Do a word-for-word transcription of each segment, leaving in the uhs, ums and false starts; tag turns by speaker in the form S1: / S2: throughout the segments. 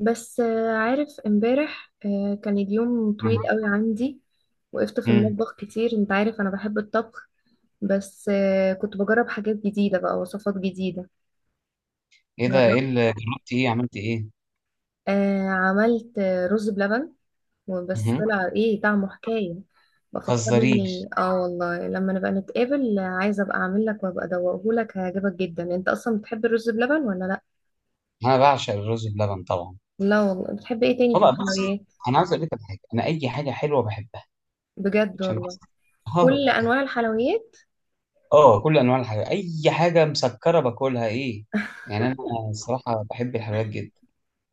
S1: بس، آه، عارف، امبارح، آه، كان اليوم
S2: مم.
S1: طويل قوي عندي. وقفت في
S2: مم.
S1: المطبخ كتير، انت عارف انا بحب الطبخ. بس، آه، كنت بجرب حاجات جديدة، بقى وصفات جديدة.
S2: ايه ده؟ ايه
S1: جربت،
S2: اللي جربتي؟ ايه عملتي؟ ايه؟
S1: آه، عملت، آه، رز بلبن. وبس
S2: مهم.
S1: طلع ايه طعمه، حكاية. بفكرني،
S2: متهزريش.
S1: اه والله لما نبقى نتقابل، آه، عايزة ابقى اعمل لك وابقى ادوقه لك، هيعجبك جدا. انت اصلا بتحب الرز بلبن ولا لا؟
S2: انا بعشق الرز بلبن طبعا.
S1: لا والله، بتحب ايه تاني في
S2: والله بص،
S1: الحلويات؟
S2: انا عايز اقول لك على حاجه، انا اي حاجه حلوه بحبها
S1: بجد
S2: عشان
S1: والله؟
S2: بس. اه
S1: كل
S2: بقى.
S1: انواع الحلويات.
S2: آه، كل انواع الحاجات، اي حاجه مسكره باكلها، ايه؟ يعني انا، الصراحه، بحب الحلويات جدا.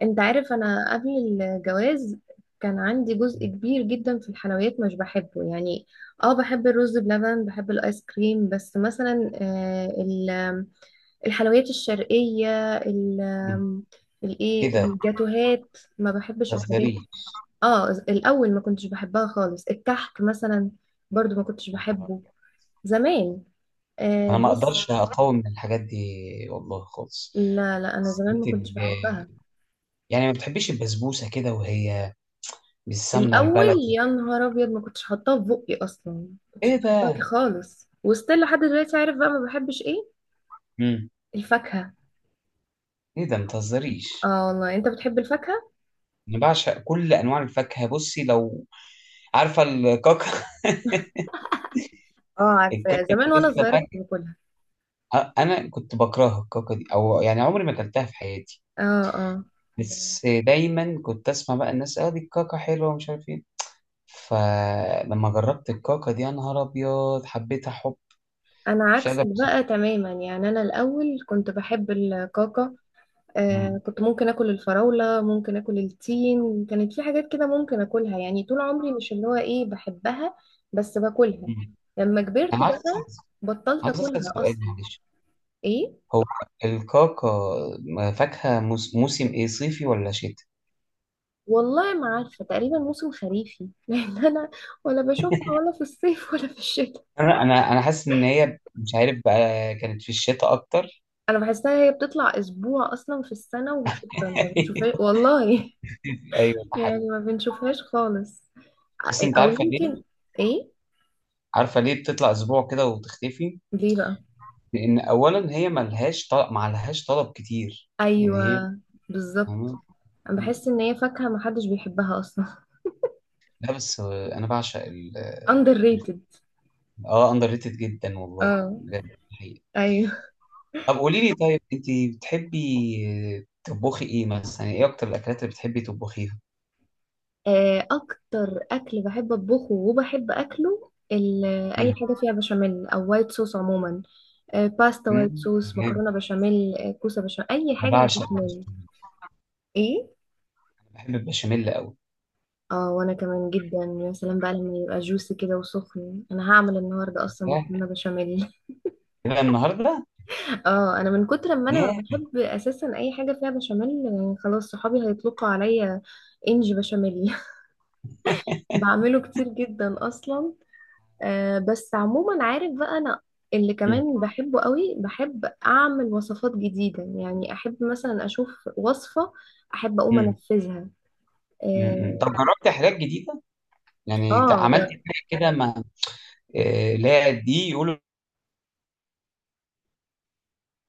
S1: انت عارف، انا قبل الجواز كان عندي جزء كبير جدا في الحلويات مش بحبه يعني. اه، بحب الرز بلبن، بحب الايس كريم، بس مثلا، آه، ال- الحلويات الشرقية، ال-
S2: مم. ايه
S1: الايه
S2: ده؟
S1: الجاتوهات ما بحبش الحاجات.
S2: متهزريش.
S1: اه، الاول ما كنتش بحبها خالص، الكحك مثلا برضو ما كنتش بحبه زمان. آه
S2: انا ما
S1: بس
S2: اقدرش اقاوم من الحاجات دي والله خالص.
S1: لا، لا، انا زمان ما
S2: بس
S1: كنتش
S2: ال-
S1: بحبها.
S2: يعني، ما بتحبيش البسبوسه كده وهي بالسمنه
S1: الاول
S2: البلدي؟
S1: يا نهار ابيض، ما كنتش حاطاه في بقي اصلا، ما
S2: ايه
S1: كنتش بحبها
S2: ده؟
S1: خالص، وستيل لحد دلوقتي. عارف بقى ما بحبش ايه؟
S2: مم.
S1: الفاكهه.
S2: ايه ده؟ متهزريش.
S1: اه والله، انت بتحب الفاكهه؟
S2: انا بعشق كل انواع الفاكهه، بصي لو عارفه الكاكا.
S1: اه، عارفه
S2: الكاكا
S1: زمان
S2: دي
S1: وانا
S2: لسه
S1: صغيره كنت
S2: فاكهه؟
S1: باكلها.
S2: أ- انا كنت بكرهها الكاكا دي، او يعني عمري ما اكلتها في حياتي.
S1: اه، اه.
S2: بس دايما كنت اسمع بقى الناس، اه دي الكاكا حلوه ومش عارف ايه. فلما جربت الكاكا دي يا نهار ابيض، حبيتها حب
S1: انا
S2: مش قادر
S1: عكسك
S2: أوصف.
S1: بقى تماما، يعني انا الاول كنت بحب الكاكا.
S2: مم.
S1: آه كنت ممكن اكل الفراوله، ممكن اكل التين، كانت في حاجات كده ممكن اكلها، يعني طول عمري مش اللي هو ايه بحبها. بس باكلها.
S2: مم.
S1: لما كبرت
S2: انا عايز
S1: بقى
S2: أسأل-
S1: بطلت
S2: عايز اسال
S1: اكلها
S2: سؤال
S1: اصلا.
S2: معلش.
S1: ايه
S2: هو الكاكا فاكهه موس- موسم ايه، صيفي ولا شتاء؟
S1: والله، ما عارفة، تقريبا موسم خريفي. لأن أنا ولا بشوفها، ولا في الصيف ولا في الشتاء.
S2: انا انا أنا حاسس ان هي، مش عارف بقى، كانت في الشتاء اكتر.
S1: أنا بحسها هي بتطلع أسبوع أصلا في السنة، وشكرا ما بنشوفهاش والله.
S2: ايوه ده حقيقي.
S1: يعني ما بنشوفهاش خالص.
S2: بس انت
S1: أو
S2: عارفه
S1: يمكن.
S2: ليه؟
S1: إيه؟
S2: عارفه ليه بتطلع اسبوع كده وتختفي؟
S1: ليه بقى؟
S2: لان اولا هي ملهاش طلب، معلهاش طلب كتير يعني هي.
S1: أيوة، بالظبط. أنا بحس إن هي فاكهة ما حدش بيحبها أصلا.
S2: لا بس انا بعشق ال ال-
S1: underrated.
S2: اه، اندر ريتد جدا والله.
S1: اه.
S2: بجد ده حقيقي.
S1: أيوة.
S2: طب قولي لي، طيب انت بتحبي تطبخي ايه مثلا؟ يعني ايه اكتر الاكلات اللي بتحبي تطبخيها؟
S1: آه، أكتر أكل بحب أطبخه وبحب أكله، ال- أي
S2: مم.
S1: حاجة فيها بشاميل أو وايت صوص عموما. آه، باستا وايت
S2: مم.
S1: صوص،
S2: جامد.
S1: مكرونة بشاميل، آه، كوسة بشاميل، أي
S2: انا
S1: حاجة
S2: بعشق
S1: بالبشاميل.
S2: البشاميل.
S1: ايه؟
S2: بحب البشاميل قوي.
S1: اه، وأنا كمان جدا. يا سلام بقى لما يبقى جوسي كده وسخن. أنا هعمل النهاردة أصلا
S2: ياه،
S1: مكرونة بشاميل.
S2: إيه ده النهارده؟
S1: اه، أنا من كتر ما أنا
S2: ياه.
S1: بحب أساسا أي حاجة فيها بشاميل، آه، خلاص صحابي هيطلقوا عليا إنج بشاميل. بعمله كتير جدا أصلا. آه بس عموما، عارف بقى، أنا اللي
S2: مم.
S1: كمان بحبه قوي، بحب أعمل وصفات جديدة، يعني أحب مثلا أشوف وصفة، أحب أقوم
S2: مم.
S1: أنفذها.
S2: مم. مم. طب
S1: اه.
S2: جربت حاجات جديده، يعني ت-
S1: آه،
S2: عملت
S1: جر...
S2: حاجه كده، ما آه، اللي هي دي يقولوا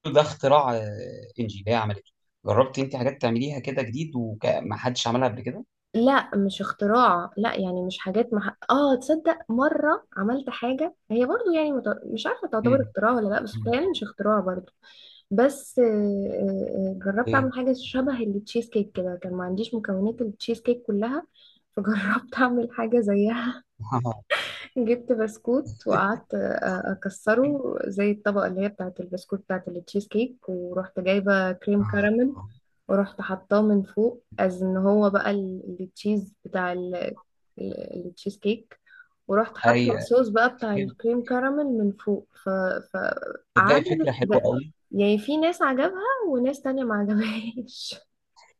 S2: ده اختراع، آه، انجي اللي هي عملته؟ جربت انت حاجات تعمليها كده جديد وما حدش عملها قبل كده؟
S1: لا، مش اختراع، لا يعني مش حاجات مح... اه، تصدق مرة عملت حاجة هي برضو يعني مت... مش عارفة تعتبر
S2: مم.
S1: اختراع ولا لا، بس
S2: مم.
S1: يعني مش اختراع برضو. بس آه، آه، آه، جربت
S2: ايه.
S1: اعمل حاجة شبه التشيز كيك كده، كان ما عنديش مكونات التشيز كيك كلها. فجربت اعمل حاجة زيها. جبت بسكوت وقعدت أ- اكسره زي الطبقه اللي هي بتاعه البسكوت، بتاعه التشيز كيك، ورحت جايبه كريم كراميل. ورحت حطاه من فوق، از ان هو بقى ال- التشيز بتاع ال- ال- التشيز كيك. ورحت حاطه
S2: ايوه،
S1: الصوص بقى بتاع الكريم كراميل من فوق ف ف
S2: تلاقي فكره
S1: عجب
S2: حلوه
S1: ب-
S2: قوي.
S1: يعني في ناس عجبها وناس تانية ما عجبهاش.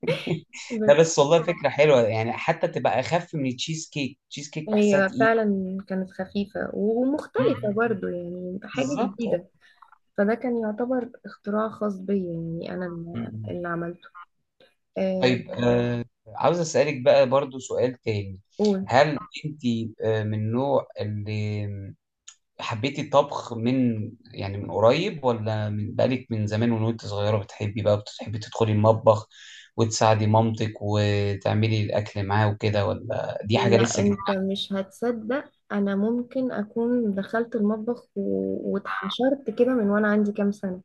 S2: لا
S1: ب-
S2: بس والله فكره حلوه، يعني حتى تبقى اخف من التشيز كيك، تشيز كيك بحسها
S1: هي
S2: تقيل.
S1: فعلا كانت خفيفة ومختلفة
S2: مم.
S1: برضو، يعني حاجة
S2: بالظبط.
S1: جديدة. فده كان يعتبر اختراع خاص بيا، يعني أنا اللي اللي عملته. آه،
S2: طيب آه عاوز أسألك بقى برضو سؤال تاني.
S1: قول.
S2: هل انت آه من النوع اللي حبيتي الطبخ من، يعني من قريب، ولا من بقالك من زمان، وان وانت صغيرة، بتحبي بقى بتحبي تدخلي المطبخ وتساعدي مامتك وتعملي الأكل معاه وكده، ولا دي حاجة
S1: لا،
S2: لسه جديدة
S1: أنت مش هتصدق. أنا ممكن أكون دخلت المطبخ و- واتحشرت كده من وأنا عندي كام سنة.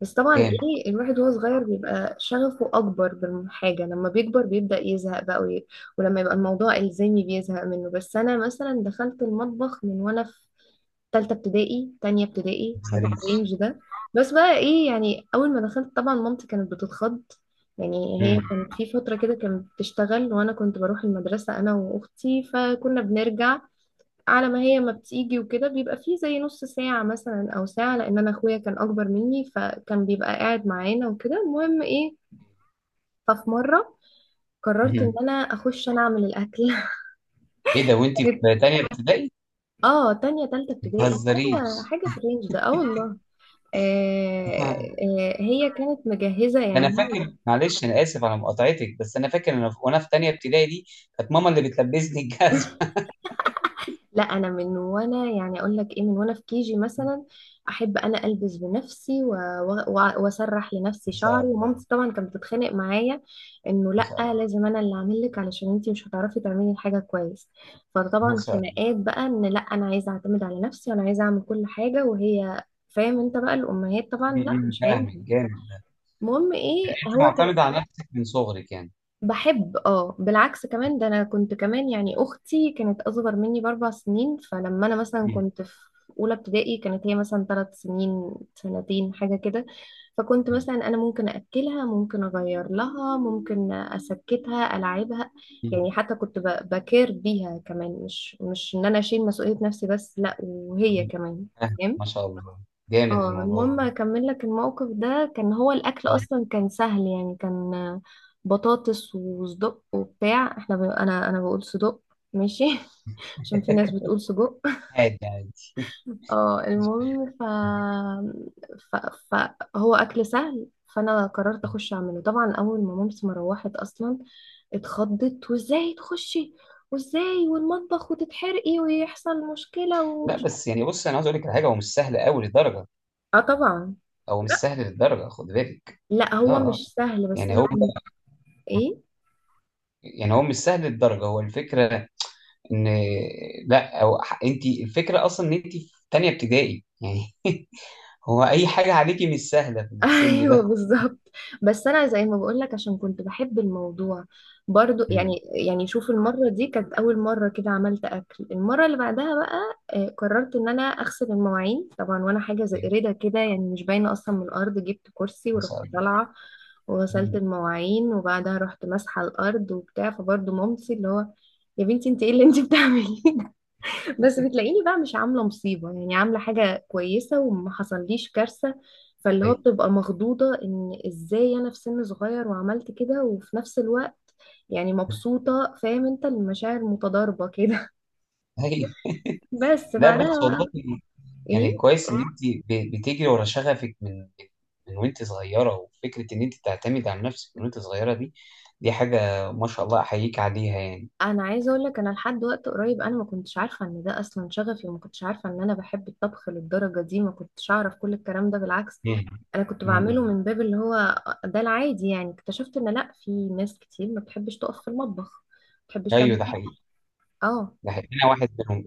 S1: بس طبعا
S2: عليك؟
S1: إيه، الواحد وهو صغير بيبقى شغفه أكبر بالحاجة، لما بيكبر بيبدأ يزهق بقى وي... ولما يبقى الموضوع إلزامي بيزهق منه. بس أنا مثلا دخلت المطبخ من وأنا تالتة ابتدائي، تانية ابتدائي،
S2: ما
S1: حاجة في
S2: تهزريش.
S1: الرينج ده. بس بقى ايه، يعني أول ما دخلت طبعا مامتي كانت بتتخض. يعني
S2: مم.
S1: هي كانت في فترة كده كانت بتشتغل، وأنا كنت بروح المدرسة أنا وأختي، فكنا بنرجع على ما هي ما بتيجي، وكده بيبقى فيه زي نص ساعة مثلا أو ساعة، لأن أنا أخويا كان أكبر مني فكان بيبقى قاعد معانا وكده، المهم ايه. ففي مرة قررت إن
S2: مم.
S1: أنا أخش، أنا أعمل الأكل.
S2: ايه ده، وانت في تانية ابتدائي؟
S1: اه، تانية تالتة
S2: ما
S1: ابتدائي، حاجة
S2: تهزريش.
S1: حاجة في الرينج ده، اه والله. آه، آه، هي كانت مجهزة، يعني
S2: انا
S1: هي.
S2: فاكر، معلش انا اسف على مقاطعتك، بس انا فاكر انا وانا في تانية ابتدائي دي كانت ماما اللي بتلبسني الجزمه.
S1: لا، أنا من وأنا، يعني أقول لك إيه، من وأنا في كيجي مثلا أحب أنا ألبس بنفسي و- و- وأسرح لنفسي
S2: ما شاء
S1: شعري،
S2: الله.
S1: ومامتي طبعا كانت بتتخانق معايا إنه
S2: ما شاء
S1: لأ،
S2: الله.
S1: لازم أنا اللي أعمل لك علشان أنتي مش هتعرفي تعملي الحاجة كويس.
S2: ما
S1: فطبعا
S2: شاء الله.
S1: خناقات بقى إن لأ، أنا عايزة أعتمد على نفسي، وأنا عايزة أعمل كل حاجة، وهي فاهم أنت بقى الأمهات طبعا، لأ
S2: م- م،
S1: مش هينفع.
S2: فاهمك جامد.
S1: المهم إيه،
S2: انت
S1: هو كان
S2: معتمده على نفسك من صغرك يعني.
S1: بحب. اه بالعكس، كمان ده انا كنت كمان، يعني اختي كانت اصغر مني باربع سنين، فلما انا مثلا
S2: م-
S1: كنت في اولى ابتدائي كانت هي مثلا ثلاث سنين، سنتين، حاجه كده. فكنت
S2: م-
S1: مثلا انا ممكن اكلها، ممكن اغير لها، ممكن اسكتها، العبها.
S2: م-
S1: يعني حتى كنت ب- بكير بيها كمان، مش مش ان انا اشيل مسؤوليه نفسي بس، لا وهي
S2: م.
S1: كمان.
S2: فاهم. ما شاء الله. جامد
S1: اه،
S2: الموضوع
S1: المهم
S2: ده.
S1: اكمل لك الموقف ده. كان هو الاكل
S2: آه.
S1: اصلا كان سهل، يعني كان بطاطس وصدق وبتاع. احنا ب... انا انا بقول صدق، ماشي. عشان في ناس بتقول سجق.
S2: عادي عادي.
S1: اه، المهم ف... ف... فهو اكل سهل. فانا قررت اخش اعمله، طبعا، اول ما مامتي ما روحت اصلا اتخضت، وازاي تخشي، وازاي، والمطبخ، وتتحرقي، ويحصل مشكلة،
S2: لا
S1: ومش.
S2: بس يعني بص، انا عاوز اقول لك على حاجه، هو مش سهل قوي للدرجه.
S1: اه طبعا.
S2: هو مش سهل للدرجه، خد بالك.
S1: لا،
S2: اه
S1: هو
S2: اه.
S1: مش سهل بس
S2: يعني هو،
S1: انا. ايه.
S2: يعني هو مش سهل للدرجه، هو الفكره ان، لا او انت، الفكره اصلا ان انت في تانية ابتدائي يعني. هو اي حاجه عليكي مش سهله في السن
S1: ايوه،
S2: ده.
S1: بالظبط. بس انا زي ما بقولك، عشان كنت بحب الموضوع برضو
S2: امم
S1: يعني. يعني شوف، المره دي كانت اول مره كده عملت اكل. المره اللي بعدها بقى آه، قررت ان انا اغسل المواعين. طبعا وانا حاجه زي قريده كده، يعني مش باينه اصلا من الارض، جبت كرسي
S2: ما
S1: ورحت
S2: شاء الله.
S1: طالعه وغسلت
S2: مم.
S1: المواعين، وبعدها رحت ماسحه الارض وبتاع، فبرضو مامتي اللي هو: يا بنتي، انت ايه اللي انت بتعمليه؟ بس بتلاقيني بقى مش عاملة مصيبة، يعني عاملة حاجة كويسة وما حصليش كارثة. فاللي هو
S2: ايوه
S1: بتبقى مخضوضة ان ازاي انا في سن صغير وعملت كده، وفي نفس الوقت يعني مبسوطة، فاهم انت، المشاعر متضاربة كده.
S2: ايوه.
S1: بس
S2: لا
S1: بعدها
S2: بس والله،
S1: بقى
S2: يعني
S1: ايه،
S2: كويس ان انت ب- بتجري ورا شغفك من من وانت صغيره، وفكره ان انت تعتمد على نفسك من وانت صغيره دي، دي حاجه ما شاء الله احييك عليها يعني.
S1: انا عايزة اقول لك، انا لحد وقت قريب انا ما كنتش عارفة ان ده اصلا شغفي، وما كنتش عارفة ان انا بحب الطبخ للدرجة دي، ما كنتش اعرف كل الكلام ده، بالعكس.
S2: مم.
S1: انا كنت بعمله
S2: مم.
S1: من باب اللي هو ده العادي، يعني اكتشفت ان لا، في ناس كتير ما بتحبش تقف في المطبخ، ما بتحبش
S2: ايوه
S1: تعمل
S2: ده حقيقي.
S1: اكل. اه.
S2: ده حقيقي، انا واحد منهم.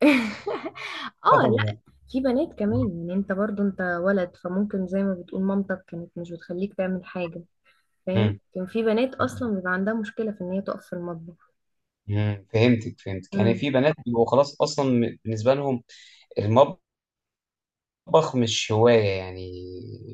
S1: اه، لا،
S2: الله.
S1: في بنات كمان، يعني انت برضو انت ولد فممكن، زي ما بتقول مامتك كانت مش بتخليك تعمل حاجة. فاهم، كان في بنات
S2: مم.
S1: اصلا بيبقى عندها مشكلة في ان هي تقف في المطبخ.
S2: مم، فهمتك فهمتك، يعني
S1: امم.
S2: في بنات بيبقوا خلاص، اصلا م- بالنسبه لهم المطبخ مش هوايه يعني.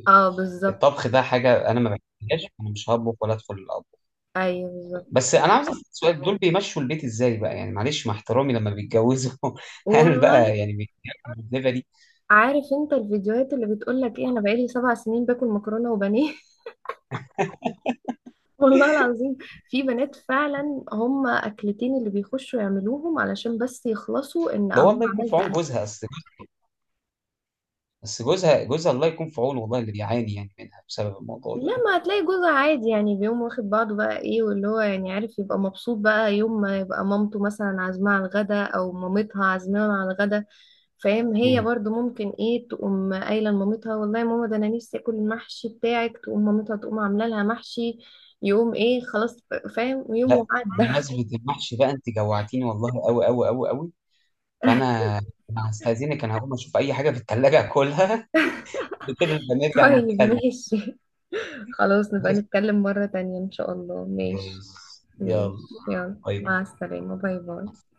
S1: اه، بالظبط.
S2: الطبخ ده حاجه انا ما بحبهاش، انا مش هطبخ ولا ادخل الاطبخ.
S1: ايوه، بالظبط.
S2: بس انا عاوز اسال سؤال، دول بيمشوا البيت ازاي بقى؟ يعني معلش مع احترامي، لما بيتجوزوا، هل
S1: والله،
S2: بقى يعني بيتجوزوا الليفه دي؟
S1: عارف انت الفيديوهات اللي بتقولك ايه؟ انا بقالي سبع سنين باكل مكرونة وبانيه. والله العظيم. في بنات فعلا هم اكلتين اللي بيخشوا يعملوهم علشان بس يخلصوا ان
S2: ده هو
S1: اهو
S2: الله يكون في
S1: عملت
S2: عون
S1: اكل.
S2: جوزها، اصل، بس جوزها، جوزها الله يكون في عونه والله، اللي بيعاني يعني منها بسبب الموضوع ده.
S1: لما هتلاقي جوزها عادي، يعني بيقوم واخد بعضه بقى ايه، واللي هو يعني عارف، يبقى مبسوط بقى يوم ما يبقى مامته مثلا عازماه على الغدا، او مامتها عازماه على الغدا. فاهم، هي
S2: مم.
S1: برضو ممكن ايه تقوم قايله لمامتها: والله يا ماما، ده انا نفسي اكل المحشي بتاعك، تقوم مامتها تقوم عامله لها محشي. يقوم ايه، خلاص. فاهم، يوم
S2: لا.
S1: وعدى.
S2: بمناسبه المحشي بقى انت جوعتيني والله، قوي قوي قوي قوي، فانا، أنا هستأذنك، انا هقوم اشوف اي حاجه في الثلاجه اكلها. كده بنرجع
S1: طيب،
S2: نتكلم.
S1: ماشي. خلاص، نبقى نتكلم مرة تانية إن شاء الله، ماشي.
S2: يلا.
S1: ماشي، يلا،
S2: باي
S1: مع
S2: باي.
S1: السلامة، باي باي.